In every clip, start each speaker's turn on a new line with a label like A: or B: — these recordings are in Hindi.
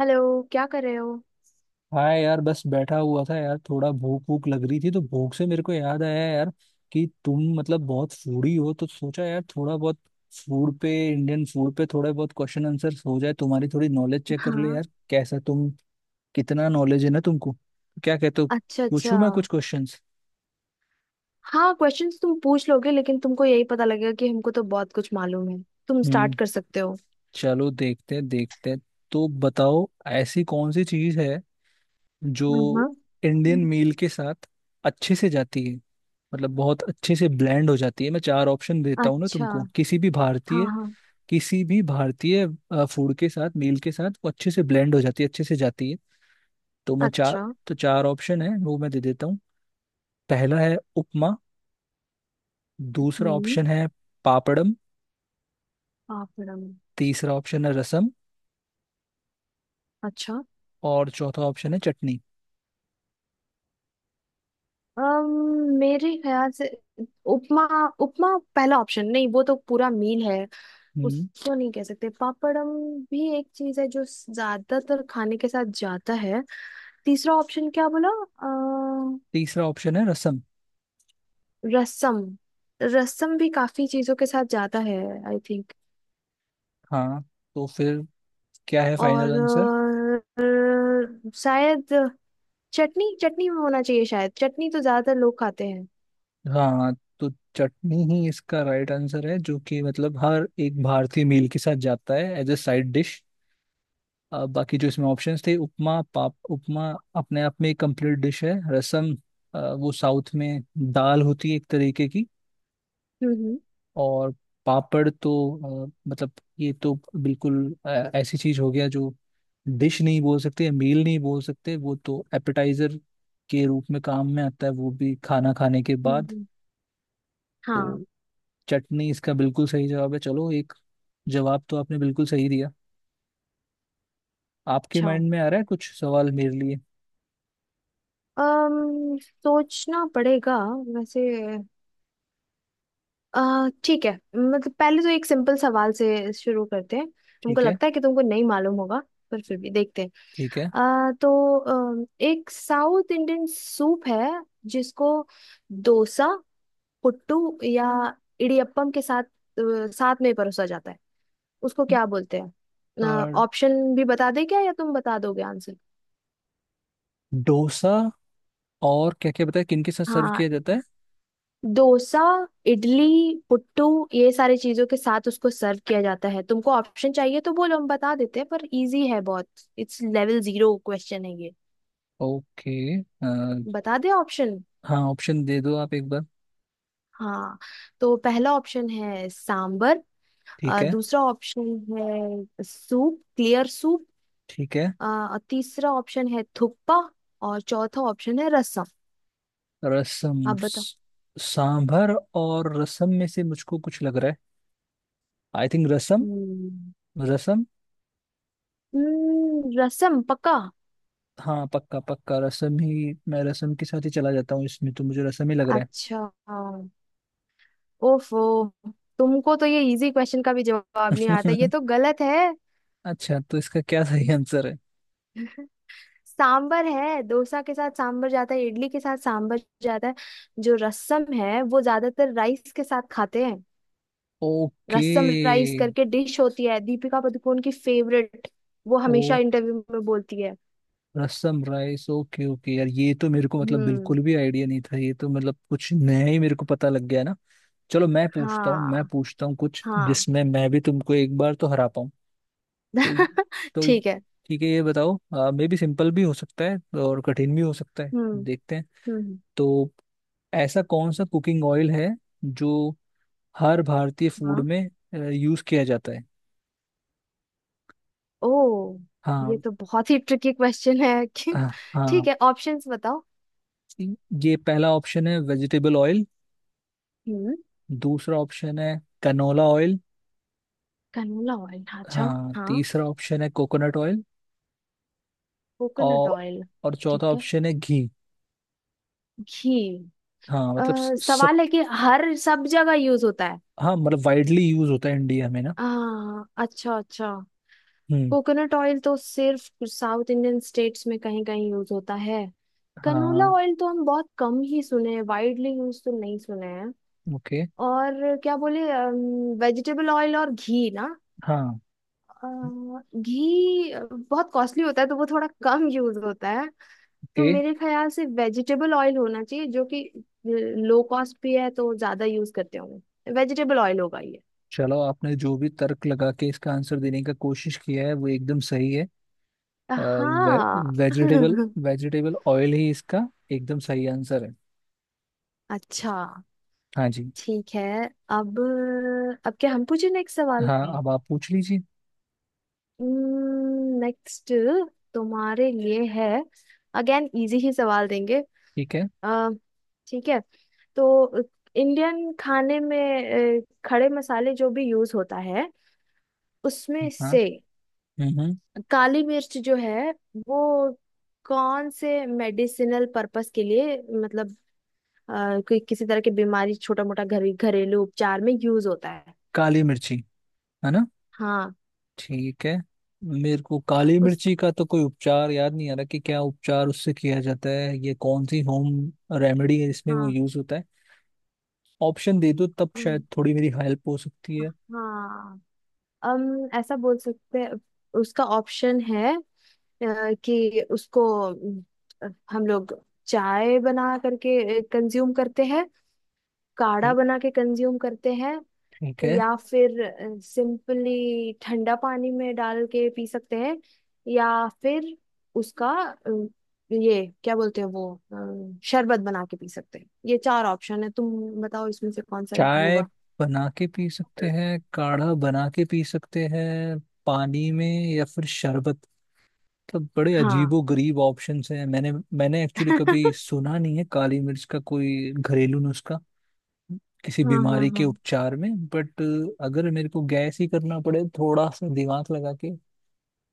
A: हेलो, क्या कर रहे हो?
B: हाँ यार, बस बैठा हुआ था यार। थोड़ा भूख भूख लग रही थी, तो भूख से मेरे को याद आया यार कि तुम मतलब बहुत फूडी हो, तो सोचा यार थोड़ा बहुत फूड पे, इंडियन फूड पे थोड़े बहुत क्वेश्चन आंसर हो जाए, तुम्हारी थोड़ी नॉलेज चेक कर ले
A: हाँ।
B: यार, कैसा तुम कितना नॉलेज है ना तुमको। क्या कहते हो,
A: अच्छा, अच्छा।
B: पूछूं मैं कुछ क्वेश्चंस?
A: हाँ, क्वेश्चंस तुम पूछ लोगे, लेकिन तुमको यही पता लगेगा कि हमको तो बहुत कुछ मालूम है। तुम स्टार्ट
B: हम्म।
A: कर सकते हो।
B: चलो, देखते हैं। तो बताओ, ऐसी कौन सी चीज है जो
A: हाँ, हाँ।
B: इंडियन
A: हम्म।
B: मील के साथ अच्छे से जाती है, मतलब बहुत अच्छे से ब्लेंड हो जाती है। मैं चार ऑप्शन देता हूँ ना
A: अच्छा।
B: तुमको, किसी भी
A: हाँ,
B: भारतीय,
A: हाँ।
B: किसी भी भारतीय फूड के साथ, मील के साथ वो अच्छे से ब्लेंड हो जाती है, अच्छे से जाती है। तो मैं चार
A: अच्छा।
B: तो चार ऑप्शन है वो मैं दे देता हूँ। पहला है उपमा, दूसरा
A: हम्म।
B: ऑप्शन है पापड़म,
A: पापड़म।
B: तीसरा ऑप्शन है रसम,
A: अच्छा।
B: और चौथा ऑप्शन है चटनी।
A: मेरे ख्याल से उपमा। उपमा पहला ऑप्शन नहीं, वो तो पूरा मील है।
B: हम्म।
A: उसको नहीं कह सकते। पापड़म भी एक चीज है जो ज्यादातर खाने के साथ जाता है। तीसरा ऑप्शन क्या बोला?
B: तीसरा ऑप्शन है रसम।
A: रसम। रसम भी काफी चीजों के साथ जाता है, आई थिंक।
B: हाँ, तो फिर क्या है फाइनल आंसर?
A: और शायद चटनी। चटनी में होना चाहिए, शायद। चटनी तो ज्यादातर लोग खाते हैं।
B: हाँ, तो चटनी ही इसका राइट आंसर है, जो कि मतलब हर एक भारतीय मील के साथ जाता है एज ए साइड डिश। बाकी जो इसमें ऑप्शंस थे, उपमा, पाप उपमा अपने आप में एक कंप्लीट डिश है। रसम वो साउथ में दाल होती है एक तरीके की।
A: हम्म, हम्म,
B: और पापड़ तो मतलब ये तो बिल्कुल ऐसी चीज हो गया जो डिश नहीं बोल सकते, मील नहीं बोल सकते, वो तो एपेटाइजर के रूप में काम में आता है, वो भी खाना खाने के
A: हम्म,
B: बाद।
A: हम्म। हाँ।
B: तो चटनी इसका बिल्कुल सही जवाब है। चलो, एक जवाब तो आपने बिल्कुल सही दिया। आपके
A: अच्छा।
B: माइंड में आ रहा है कुछ सवाल मेरे लिए?
A: अम सोचना पड़ेगा वैसे। अ, ठीक है, मतलब पहले तो एक सिंपल सवाल से शुरू करते हैं। हमको
B: ठीक है।
A: लगता है कि तुमको नहीं मालूम होगा, पर फिर भी देखते हैं।
B: ठीक है।
A: तो एक साउथ इंडियन सूप है, जिसको डोसा, पुट्टू या इडियप्पम के साथ साथ में परोसा जाता है, उसको क्या बोलते हैं?
B: और
A: ऑप्शन भी बता दें क्या, या तुम बता दोगे आंसर?
B: डोसा और क्या क्या बताया किन के साथ सर्व
A: हाँ।
B: किया जाता है?
A: डोसा, इडली, पुट्टू, ये सारी चीजों के साथ उसको सर्व किया जाता है। तुमको ऑप्शन चाहिए तो बोलो, हम बता देते हैं, पर इजी है बहुत। इट्स लेवल जीरो क्वेश्चन है ये।
B: ओके। अ,
A: बता दे ऑप्शन।
B: हाँ, ऑप्शन दे दो आप एक बार।
A: हाँ। तो पहला ऑप्शन है सांबर।
B: ठीक है।
A: दूसरा ऑप्शन है सूप, क्लियर सूप।
B: ठीक है।
A: तीसरा ऑप्शन है थुक्पा। और चौथा ऑप्शन है रसम।
B: रसम
A: आप बताओ।
B: स- सांभर और रसम में से मुझको कुछ लग रहा है। आई थिंक रसम।
A: हम्म,
B: रसम।
A: हम्म। रसम पक्का।
B: हाँ, पक्का पक्का, रसम ही, मैं रसम के साथ ही चला जाता हूँ, इसमें तो मुझे रसम ही लग रहा
A: अच्छा। ओफो। तुमको तो ये इजी क्वेश्चन का भी जवाब नहीं आता,
B: है।
A: ये तो गलत है।
B: अच्छा, तो इसका क्या सही आंसर है?
A: सांबर है। डोसा के साथ सांबर जाता है, इडली के साथ सांबर जाता है। जो रसम है वो ज्यादातर राइस के साथ खाते हैं।
B: ओके।
A: रसम राइस करके डिश होती है, दीपिका पादुकोण की फेवरेट। वो हमेशा
B: ओ,
A: इंटरव्यू में बोलती है।
B: रसम राइस। ओके ओके यार, ये तो मेरे को मतलब
A: हम्म।
B: बिल्कुल भी आइडिया नहीं था। ये तो मतलब कुछ नया ही मेरे को पता लग गया ना। चलो, मैं पूछता हूँ, मैं
A: हाँ,
B: पूछता हूँ कुछ
A: हाँ।
B: जिसमें मैं भी तुमको एक बार तो हरा पाऊँ। तो तो
A: ठीक है।
B: ठीक है, ये बताओ। मे भी सिंपल भी हो सकता है और कठिन भी हो सकता है।
A: हम्म,
B: देखते हैं।
A: हम्म।
B: तो ऐसा कौन सा कुकिंग ऑयल है जो हर भारतीय फूड
A: हाँ।
B: में यूज किया जाता है?
A: ओ। ये
B: हाँ
A: तो बहुत ही ट्रिकी क्वेश्चन है।
B: हाँ।
A: ठीक है, ऑप्शंस बताओ।
B: ये पहला ऑप्शन है वेजिटेबल ऑयल,
A: हम्म।
B: दूसरा ऑप्शन है कनोला ऑयल,
A: कनोला ऑयल, अच्छा।
B: हाँ,
A: हाँ।
B: तीसरा ऑप्शन है कोकोनट ऑयल,
A: कोकोनट
B: और
A: ऑयल।
B: चौथा
A: ठीक है।
B: ऑप्शन है घी।
A: घी।
B: हाँ
A: अ,
B: मतलब सब।
A: सवाल है कि हर सब जगह यूज होता है।
B: हाँ मतलब वाइडली यूज होता है इंडिया में ना।
A: आ, अच्छा, अच्छा।
B: हम्म।
A: कोकोनट ऑयल तो सिर्फ साउथ इंडियन स्टेट्स में कहीं कहीं यूज होता है। कनोला
B: हाँ।
A: ऑयल तो हम बहुत कम ही सुने हैं, वाइडली यूज तो नहीं सुने हैं।
B: ओके।
A: और क्या बोले, वेजिटेबल ऑयल और घी ना।
B: हाँ।
A: अ, घी बहुत कॉस्टली होता है, तो वो थोड़ा कम यूज होता है। तो
B: ओके।
A: मेरे ख्याल से वेजिटेबल ऑयल होना चाहिए, जो कि लो कॉस्ट भी है, तो ज्यादा यूज करते होंगे। वेजिटेबल ऑयल होगा ये।
B: चलो, आपने जो भी तर्क लगा के इसका आंसर देने का कोशिश किया है वो एकदम सही है। अ, वे,
A: हाँ।
B: वेजिटेबल, वेजिटेबल ऑयल ही इसका एकदम सही आंसर है।
A: अच्छा।
B: हाँ जी।
A: ठीक है। अब अब क्या हम पूछे नेक्स्ट सवाल?
B: हाँ, अब आप पूछ लीजिए।
A: नेक्स्ट तुम्हारे लिए है। अगेन इजी ही सवाल देंगे।
B: ठीक है।
A: अ, ठीक है। तो इंडियन खाने में खड़े मसाले जो भी यूज होता है, उसमें
B: हाँ।
A: से
B: हम्म हम्म।
A: काली मिर्च जो है वो कौन से मेडिसिनल पर्पस के लिए, मतलब कोई किसी तरह की बीमारी, छोटा मोटा घर घरेलू उपचार में यूज होता है?
B: काली मिर्ची है ना?
A: हाँ।
B: ठीक है। मेरे को काली
A: उस
B: मिर्ची का तो कोई उपचार याद नहीं आ रहा कि क्या उपचार उससे किया जाता है, ये कौन सी होम रेमेडी है जिसमें वो
A: हाँ।
B: यूज होता है। ऑप्शन दे दो तब
A: अम,
B: शायद थोड़ी मेरी हेल्प हो सकती है।
A: हाँ, हम ऐसा बोल सकते हैं। उसका ऑप्शन है, कि उसको हम लोग चाय बना करके कंज्यूम करते हैं, काढ़ा
B: ठीक।
A: बना के कंज्यूम करते हैं,
B: ठीक है।
A: या फिर सिंपली ठंडा पानी में डाल के पी सकते हैं, या फिर उसका अम, ये क्या बोलते हैं वो, शरबत बना के पी सकते हैं। ये चार ऑप्शन है, तुम बताओ इसमें से कौन सा
B: चाय
A: होगा।
B: बना के पी सकते हैं, काढ़ा बना के पी सकते हैं, पानी में, या फिर शरबत। मतलब बड़े
A: हाँ।
B: अजीबो गरीब ऑप्शंस हैं। मैंने मैंने एक्चुअली कभी सुना नहीं है काली मिर्च का कोई घरेलू नुस्खा किसी
A: हाँ, हाँ,
B: बीमारी के
A: हाँ।
B: उपचार में। बट अगर मेरे को गैस ही करना पड़े थोड़ा सा दिमाग लगा के,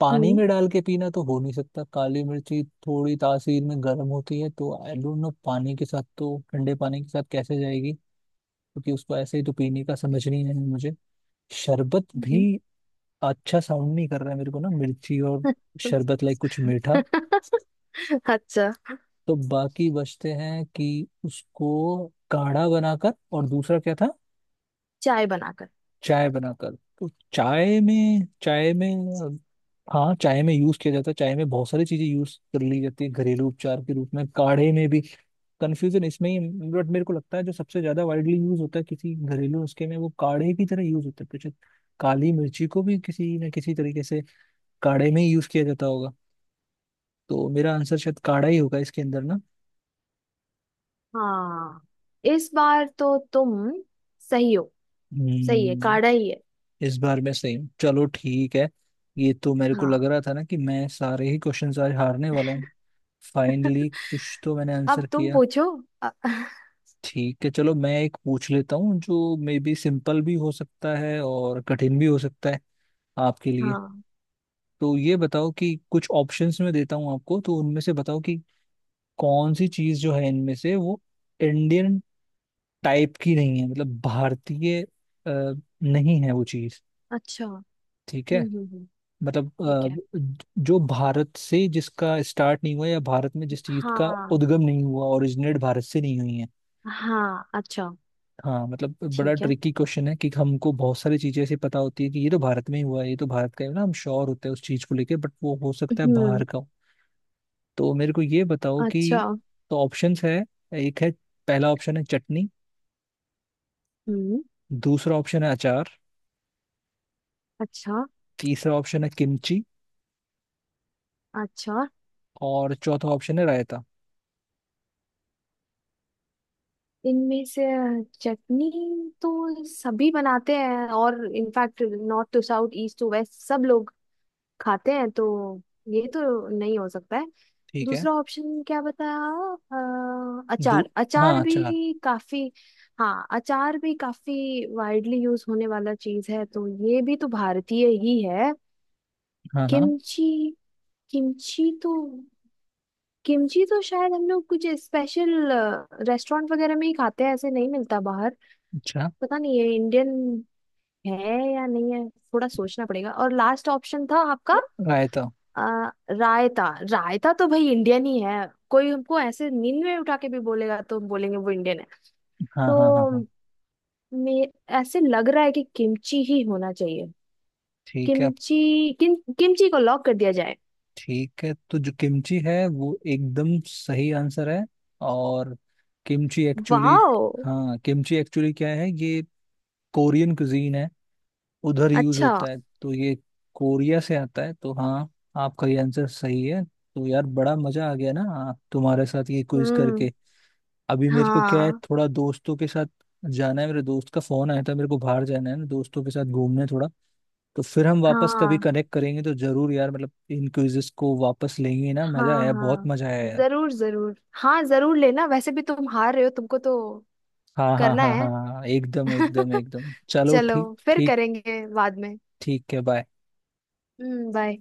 B: पानी
A: हम्म,
B: में डाल के पीना तो हो नहीं सकता, काली मिर्ची थोड़ी तासीर में गर्म होती है, तो आई डोंट नो पानी के साथ, तो ठंडे पानी के साथ कैसे जाएगी? क्योंकि उसको ऐसे ही तो पीने का समझ नहीं है मुझे। शरबत
A: हम्म।
B: भी अच्छा साउंड नहीं कर रहा है मेरे को ना, मिर्ची और शरबत लाइक कुछ मीठा।
A: अच्छा।
B: तो बाकी बचते हैं कि उसको काढ़ा बनाकर, और दूसरा क्या था,
A: चाय बनाकर।
B: चाय बनाकर। तो चाय में अ, हाँ, चाय में यूज किया जाता है, चाय में बहुत सारी चीजें यूज कर ली जाती है घरेलू उपचार के रूप में, काढ़े में भी। कंफ्यूजन इसमें ही। बट मेरे को लगता है जो सबसे ज्यादा वाइडली यूज होता है किसी घरेलू उसके में, वो काढ़े की तरह यूज होता है। कुछ काली मिर्ची को भी किसी न किसी तरीके से काढ़े में ही यूज किया जाता होगा। तो मेरा आंसर शायद काढ़ा ही होगा इसके अंदर ना।
A: हाँ, इस बार तो तुम सही हो। सही है,
B: हम्म।
A: काढ़ा ही है।
B: इस बार मैं सेम, चलो ठीक है। ये तो मेरे को लग
A: हाँ।
B: रहा था ना कि मैं सारे ही क्वेश्चंस आज हारने वाला हूँ। फाइनली कुछ तो मैंने
A: अब
B: आंसर
A: तुम
B: किया।
A: पूछो। अ-
B: ठीक है, चलो मैं एक पूछ लेता हूँ जो मे बी सिंपल भी हो सकता है और कठिन भी हो सकता है आपके लिए।
A: हाँ।
B: तो ये बताओ, कि कुछ ऑप्शंस में देता हूँ आपको, तो उनमें से बताओ कि कौन सी चीज़ जो है इनमें से वो इंडियन टाइप की नहीं है, मतलब भारतीय नहीं है वो चीज़।
A: अच्छा। हम्म,
B: ठीक है।
A: हम्म,
B: मतलब
A: ठीक है।
B: जो भारत से जिसका स्टार्ट नहीं हुआ, या भारत में जिस चीज का
A: हाँ,
B: उद्गम नहीं हुआ, ओरिजिनेट भारत से नहीं हुई है।
A: हाँ। अच्छा।
B: हाँ मतलब बड़ा
A: ठीक है।
B: ट्रिकी क्वेश्चन है कि हमको बहुत सारी चीजें ऐसी पता होती है कि ये तो भारत में ही हुआ है, ये तो भारत का है ना, हम श्योर होते हैं उस चीज को लेके, बट वो हो सकता है बाहर
A: हम्म।
B: का हो। तो मेरे को ये बताओ कि,
A: अच्छा।
B: तो ऑप्शंस है, एक है, पहला ऑप्शन है चटनी,
A: हम्म।
B: दूसरा ऑप्शन है अचार,
A: अच्छा,
B: तीसरा ऑप्शन है किमची,
A: अच्छा।
B: और चौथा ऑप्शन है रायता।
A: इनमें से चटनी तो सभी बनाते हैं, और in fact north to south, east to west सब लोग खाते हैं, तो ये तो नहीं हो सकता है।
B: ठीक है।
A: दूसरा ऑप्शन क्या बताया?
B: दू
A: अचार,
B: हाँ,
A: अचार
B: अचार।
A: भी काफी। हाँ, अचार भी काफी वाइडली यूज होने वाला चीज है, तो ये भी तो भारतीय ही है।
B: हाँ हाँ।
A: किमची। किमची तो किमची तो शायद हम लोग कुछ स्पेशल रेस्टोरेंट वगैरह में ही खाते हैं, ऐसे नहीं मिलता बाहर।
B: अच्छा।
A: पता नहीं ये इंडियन है या नहीं है, थोड़ा सोचना पड़ेगा। और लास्ट ऑप्शन था आपका?
B: रायता।
A: रायता। रायता तो भाई इंडियन ही है। कोई हमको ऐसे नींद में उठा के भी बोलेगा तो हम बोलेंगे वो इंडियन है।
B: हाँ
A: तो
B: हाँ हाँ हाँ।
A: मे ऐसे लग रहा है कि किमची ही होना चाहिए।
B: ठीक है अब।
A: किमची को लॉक कर दिया जाए।
B: ठीक है, तो जो किमची है वो एकदम सही आंसर है। और किमची एक्चुअली,
A: वाओ।
B: हाँ, किमची एक्चुअली क्या है ये, कोरियन कुजीन है, उधर यूज
A: अच्छा।
B: होता है, तो ये कोरिया से आता है, तो हाँ, आपका ये आंसर सही है। तो यार बड़ा मजा आ गया ना हाँ, तुम्हारे साथ ये क्विज
A: हम्म।
B: करके। अभी मेरे को क्या है,
A: हाँ,
B: थोड़ा दोस्तों के साथ जाना है, मेरे दोस्त का फोन आया था, मेरे को बाहर जाना है ना, दोस्तों के साथ घूमने थोड़ा। तो फिर हम वापस कभी
A: हाँ,
B: कनेक्ट करेंगे तो जरूर यार, मतलब इन क्विजेस को वापस लेंगे ना। मजा
A: हाँ,
B: आया, बहुत
A: हाँ।
B: मजा आया यार।
A: जरूर, जरूर। हाँ, जरूर लेना, वैसे भी तुम हार रहे हो, तुमको तो
B: हाँ हाँ
A: करना
B: हाँ हाँ
A: है।
B: हाँ, हाँ, एकदम एकदम एकदम, चलो
A: चलो।
B: ठीक
A: फिर
B: ठीक।
A: करेंगे बाद में।
B: ठीक है, बाय।
A: बाय।